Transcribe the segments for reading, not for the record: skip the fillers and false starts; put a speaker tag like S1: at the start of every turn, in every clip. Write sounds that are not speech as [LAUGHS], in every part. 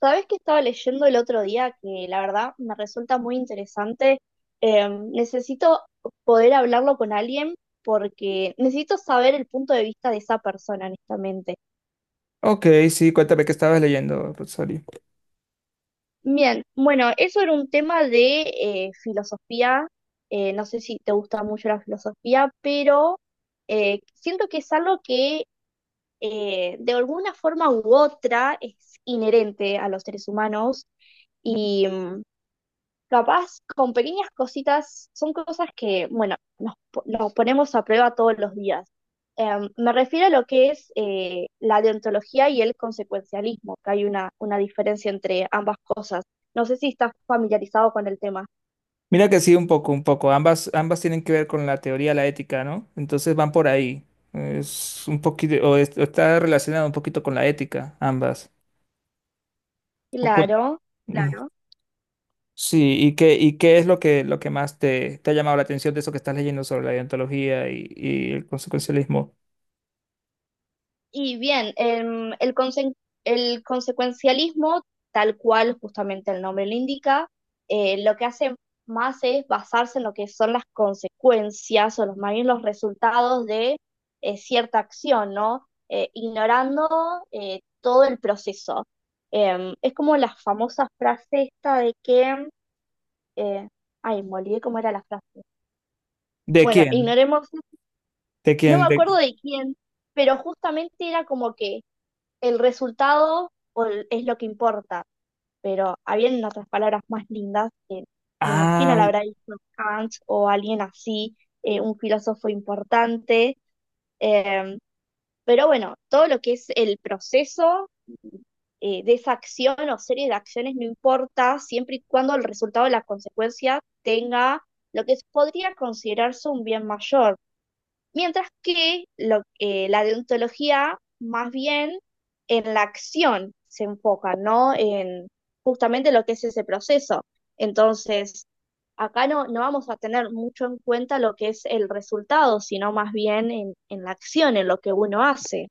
S1: Sabes que estaba leyendo el otro día que la verdad me resulta muy interesante. Necesito poder hablarlo con alguien porque necesito saber el punto de vista de esa persona, honestamente.
S2: Ok, sí, cuéntame qué estabas leyendo, Rosario.
S1: Bien, bueno, eso era un tema de filosofía. No sé si te gusta mucho la filosofía, pero siento que es algo que de alguna forma u otra es inherente a los seres humanos. Capaz con pequeñas cositas, son cosas que, bueno, nos ponemos a prueba todos los días. Me refiero a lo que es la deontología y el consecuencialismo, que hay una diferencia entre ambas cosas. No sé si estás familiarizado con el tema.
S2: Mira que sí, un poco, un poco. Ambas tienen que ver con la teoría de la ética, ¿no? Entonces van por ahí. Es un poquito, o está relacionado un poquito con la ética, ambas. O cuen-
S1: Claro,
S2: Mm.
S1: claro.
S2: Sí, ¿y qué es lo que, más te ha llamado la atención de eso que estás leyendo sobre la deontología y el consecuencialismo?
S1: Y bien, el consecuencialismo, tal cual justamente el nombre lo indica, lo que hace más es basarse en lo que son las consecuencias o los, más bien los resultados de cierta acción, ¿no? Ignorando todo el proceso. Es como la famosa frase esta de que, eh, ay, me olvidé cómo era la frase.
S2: ¿De
S1: Bueno,
S2: quién?
S1: ignoremos,
S2: ¿De
S1: no me
S2: quién? De...
S1: acuerdo de quién, pero justamente era como que el es lo que importa, pero habiendo otras palabras más lindas, que me imagino
S2: Ah.
S1: la habrá dicho Kant o alguien así, un filósofo importante, eh, pero bueno, todo lo que es el proceso de esa acción o serie de acciones no importa, siempre y cuando el resultado de la consecuencia tenga lo que podría considerarse un bien mayor. Mientras que la deontología más bien en la acción se enfoca, ¿no? En justamente lo que es ese proceso. Entonces, acá no vamos a tener mucho en cuenta lo que es el resultado, sino más bien en la acción, en lo que uno hace.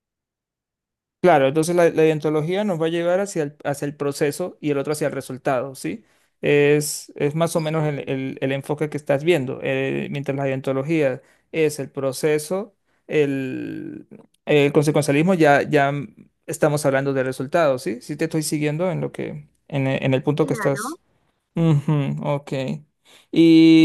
S2: Claro, entonces la ideontología nos va a llevar hacia el proceso y el otro hacia el resultado, ¿sí? Es más o menos el, el enfoque que estás viendo. Mientras la ideontología es el proceso, el, el consecuencialismo ya estamos hablando de resultados, ¿sí? Sí te estoy siguiendo en lo que, en, e- en el punto que
S1: Claro.
S2: estás. Ujú, ok.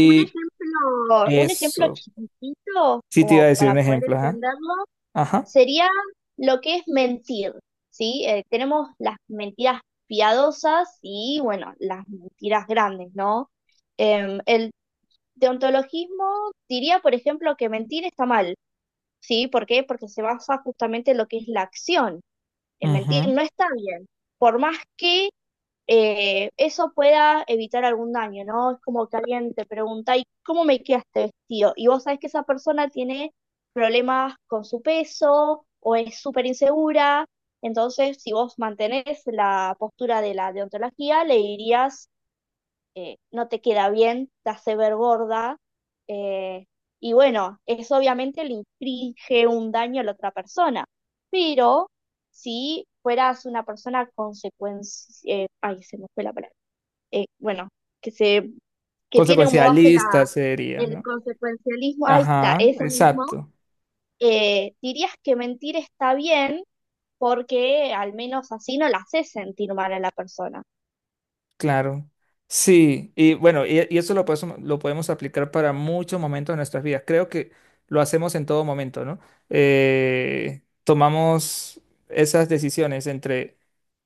S1: Un ejemplo
S2: eso.
S1: chiquitito,
S2: Sí te iba a
S1: como
S2: decir
S1: para
S2: un
S1: poder
S2: ejemplo, ajá.
S1: entenderlo,
S2: Ajá.
S1: sería lo que es mentir, ¿sí? Tenemos las mentiras piadosas y, bueno, las mentiras grandes, ¿no? El deontologismo diría, por ejemplo, que mentir está mal, ¿sí? ¿Por qué? Porque se basa justamente en lo que es la acción. En mentir
S2: Ujú.
S1: no está bien. Por más que eso pueda evitar algún daño, ¿no? Es como que alguien te pregunta, ¿y cómo me queda este vestido? Y vos sabés que esa persona tiene problemas con su peso o es súper insegura, entonces si vos mantenés la postura de la deontología, le dirías no te queda bien, te hace ver gorda, eh, y bueno, eso obviamente le inflige un daño a la otra persona, pero si fueras una persona consecuencia, ay, se me fue la palabra, bueno, que se, que tiene como base la,
S2: Consecuencialista sería,
S1: el
S2: ¿no?
S1: consecuencialismo, ahí está,
S2: Ajá,
S1: eso mismo,
S2: exacto,
S1: dirías que mentir está bien porque al menos así no la haces sentir mal a la persona.
S2: claro. Sí, y bueno, y eso lo podemos aplicar para muchos momentos de nuestras vidas. Creo que lo hacemos en todo momento, ¿no? Tomamos esas decisiones entre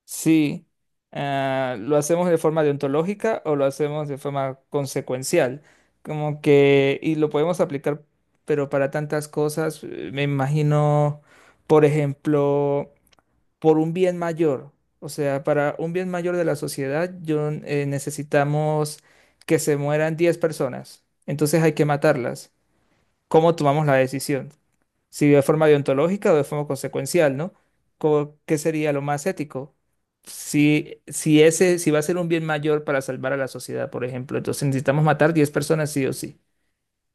S2: si lo hacemos de forma deontológica o lo hacemos de forma consecuencial. Como que, y lo podemos aplicar, pero para tantas cosas, me imagino, por ejemplo. Por un bien mayor. O sea, para un bien mayor de la sociedad, yo, necesitamos que se mueran 10 personas. Entonces hay que matarlas. ¿Cómo tomamos la decisión? Si de forma deontológica o de forma consecuencial, ¿no? Co- ¿Qué sería lo más ético? Si va a ser un bien mayor para salvar a la sociedad, por ejemplo, entonces necesitamos matar 10 personas sí o sí.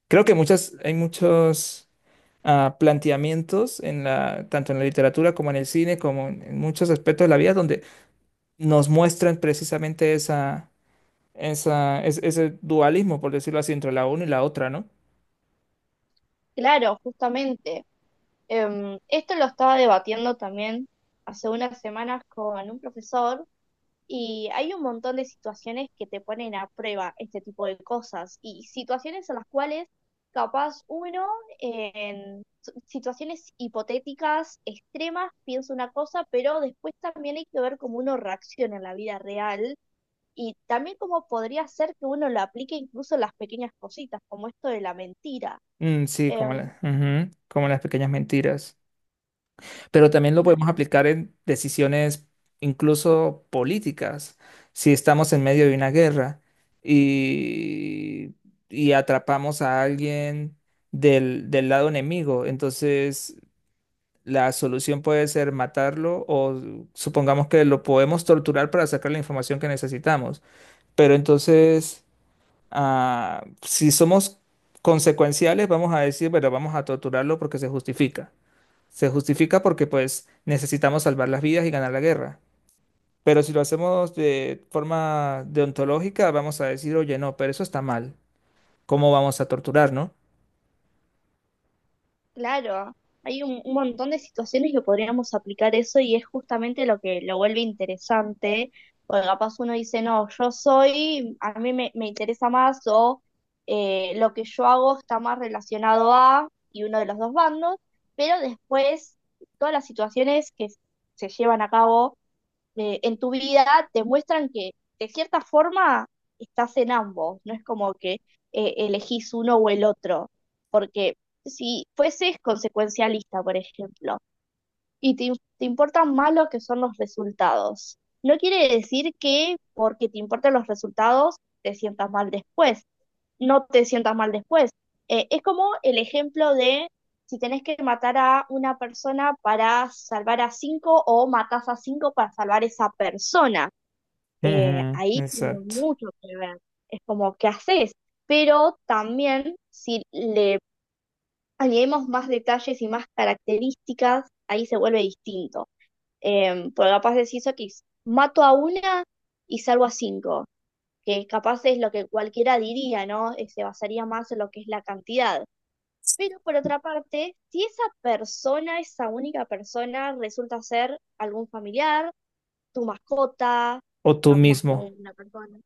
S2: Creo que hay muchos planteamientos tanto en la literatura como en el cine, como en muchos aspectos de la vida, donde nos muestran precisamente ese dualismo, por decirlo así, entre la una y la otra, ¿no?
S1: Claro, justamente. Esto lo estaba debatiendo también hace unas semanas con un profesor y hay un montón de situaciones que te ponen a prueba este tipo de cosas y situaciones en las cuales capaz uno en situaciones hipotéticas extremas piensa una cosa, pero después también hay que ver cómo uno reacciona en la vida real y también cómo podría ser que uno lo aplique incluso en las pequeñas cositas, como esto de la mentira.
S2: Mm, sí,
S1: Em,
S2: ujú, como las pequeñas mentiras. Pero también lo podemos aplicar en decisiones incluso políticas. Si estamos en medio de una guerra y, y atrapamos a alguien del lado enemigo, entonces la solución puede ser matarlo o supongamos que lo podemos torturar para sacar la información que necesitamos. Pero entonces, si somos consecuenciales, vamos a decir, bueno, vamos a torturarlo porque se justifica. Se justifica porque pues necesitamos salvar las vidas y ganar la guerra. Pero si lo hacemos de forma deontológica, vamos a decir, oye, no, pero eso está mal. ¿Cómo vamos a torturar, no?
S1: Claro, hay un montón de situaciones que podríamos aplicar eso y es justamente lo que lo vuelve interesante, porque capaz uno dice, no, yo soy, a mí me interesa más o lo que yo hago está más relacionado a y uno de los dos bandos, pero después todas las situaciones que se llevan a cabo en tu vida te muestran que de cierta forma estás en ambos, no es como que elegís uno o el otro, porque si fueses consecuencialista, por ejemplo, y te importan más lo que son los resultados, no quiere decir que porque te importan los resultados te sientas mal después, no te sientas mal después. Es como el ejemplo de si tenés que matar a una persona para salvar a cinco o matás a cinco para salvar a esa persona.
S2: Ujú.
S1: Ahí tiene
S2: Exacto.
S1: mucho que ver. Es como, ¿qué haces? Pero también si le añadimos más detalles y más características, ahí se vuelve distinto. Porque capaz decís, ok, mato a una y salvo a cinco, que capaz es lo que cualquiera diría, ¿no? Se basaría más en lo que es la cantidad. Pero por otra parte, si esa persona, esa única persona, resulta ser algún familiar, tu mascota,
S2: O tú
S1: más que
S2: mismo.
S1: una persona,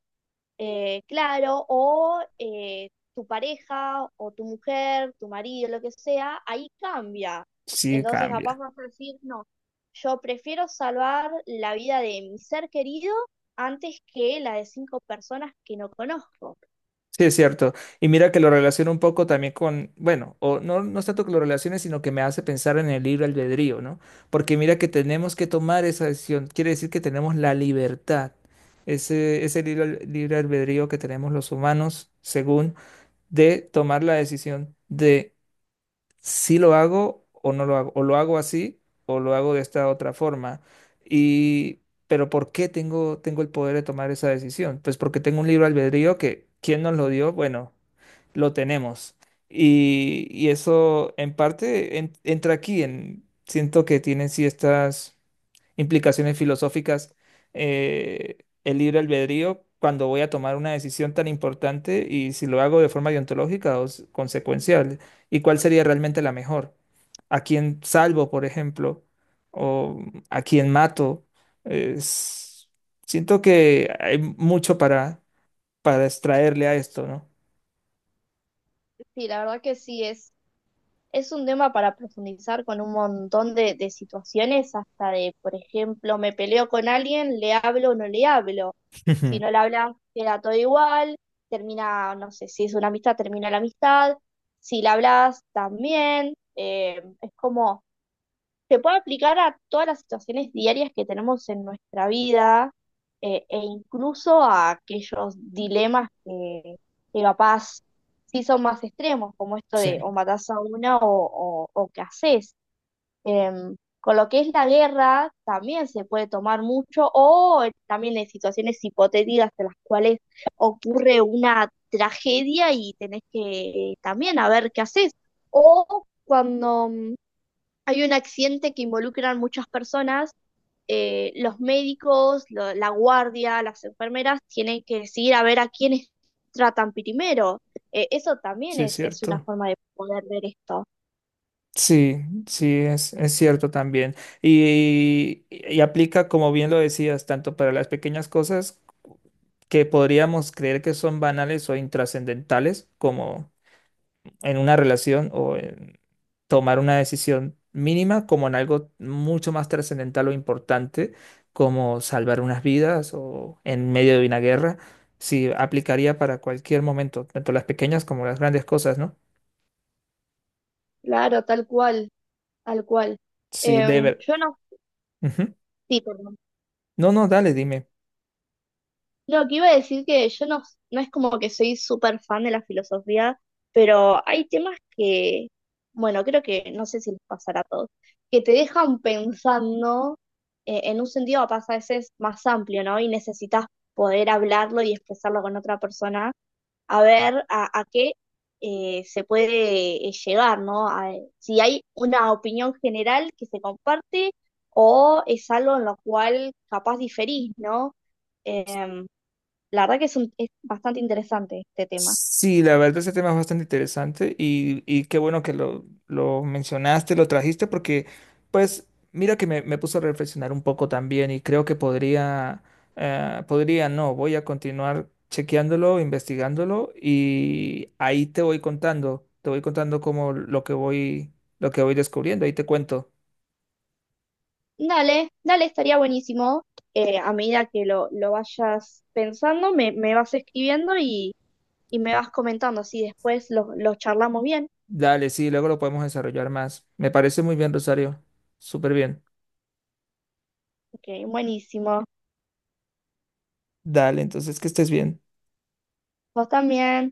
S1: claro, o tu pareja, o tu mujer, tu marido, lo que sea, ahí cambia.
S2: Sí,
S1: Entonces capaz
S2: cambia.
S1: vas a decir, no, yo prefiero salvar la vida de mi ser querido antes que la de cinco personas que no conozco.
S2: Sí, es cierto. Y mira que lo relaciono un poco también con, bueno, o no, no es tanto que lo relacione, sino que me hace pensar en el libre albedrío, ¿no? Porque mira que tenemos que tomar esa decisión. Quiere decir que tenemos la libertad, ese libre albedrío que tenemos los humanos, según, de tomar la decisión de si lo hago o no lo hago, o lo hago así o lo hago de esta otra forma. Y, pero ¿por qué tengo el poder de tomar esa decisión? Pues porque tengo un libro albedrío que, ¿quién nos lo dio? Bueno, lo tenemos. Y eso en parte entra aquí, siento que tienen sí estas implicaciones filosóficas eh, el libre albedrío cuando voy a tomar una decisión tan importante y si lo hago de forma deontológica o consecuencial y cuál sería realmente la mejor. ¿A quién salvo, por ejemplo? ¿O a quién mato? Es- Siento que hay mucho para, extraerle a esto, ¿no?
S1: Sí, la verdad que sí es. Es un tema para profundizar con un montón de situaciones, hasta de, por ejemplo, me peleo con alguien, le hablo o no le hablo.
S2: [LAUGHS]
S1: Si
S2: Ujú.
S1: no le hablas, queda todo igual, termina, no sé, si es una amistad, termina la amistad. Si le hablas, también. Es como se puede aplicar a todas las situaciones diarias que tenemos en nuestra vida e incluso a aquellos dilemas que capaz sí son más extremos, como esto
S2: Sí,
S1: de o matás a una o qué haces. Con lo que es la guerra también se puede tomar mucho o también en situaciones hipotéticas en las cuales ocurre una tragedia y tenés que también a ver qué haces. O cuando hay un accidente que involucra a muchas personas. Eh, los médicos, la guardia, las enfermeras tienen que decidir a ver a quiénes tratan primero. Eso también
S2: sí, es
S1: es una
S2: cierto.
S1: forma de poder ver esto.
S2: Sí, sí, es cierto también. Y aplica, como bien lo decías, tanto para las pequeñas cosas que podríamos creer que son banales o intrascendentales, como en una relación o en tomar una decisión mínima como en algo mucho más trascendental o importante, como salvar unas vidas o en medio de una guerra, sí aplicaría para cualquier momento, tanto las pequeñas como las grandes cosas, ¿no?
S1: Claro, tal cual, tal cual.
S2: Sí, de ver.
S1: Yo no.
S2: Ujú.
S1: Sí, perdón.
S2: No, no, dale, dime.
S1: No, que iba a decir que yo no, no es como que soy súper fan de la filosofía, pero hay temas que, bueno, creo que no sé si les pasará a todos, que te dejan pensando en un sentido capaz a veces más amplio, ¿no? Y necesitas poder hablarlo y expresarlo con otra persona, a ver a qué se puede llegar, ¿no? Si hay una opinión general que se comparte o es algo en lo cual capaz diferís, ¿no? Em, la verdad que es, es bastante interesante este tema.
S2: Sí, la verdad ese tema es bastante interesante y qué bueno que lo mencionaste, lo trajiste, porque pues mira que me puso a reflexionar un poco también y creo que podría, no, voy a continuar chequeándolo, investigándolo y ahí te voy contando como lo que voy descubriendo, ahí te cuento.
S1: Dale, dale, estaría buenísimo. A medida que lo vayas pensando, me vas escribiendo y me vas comentando, así después los charlamos bien.
S2: Dale, sí, luego lo podemos desarrollar más. Me parece muy bien, Rosario, súper bien.
S1: Ok, buenísimo.
S2: Dale, entonces que estés bien.
S1: Vos también.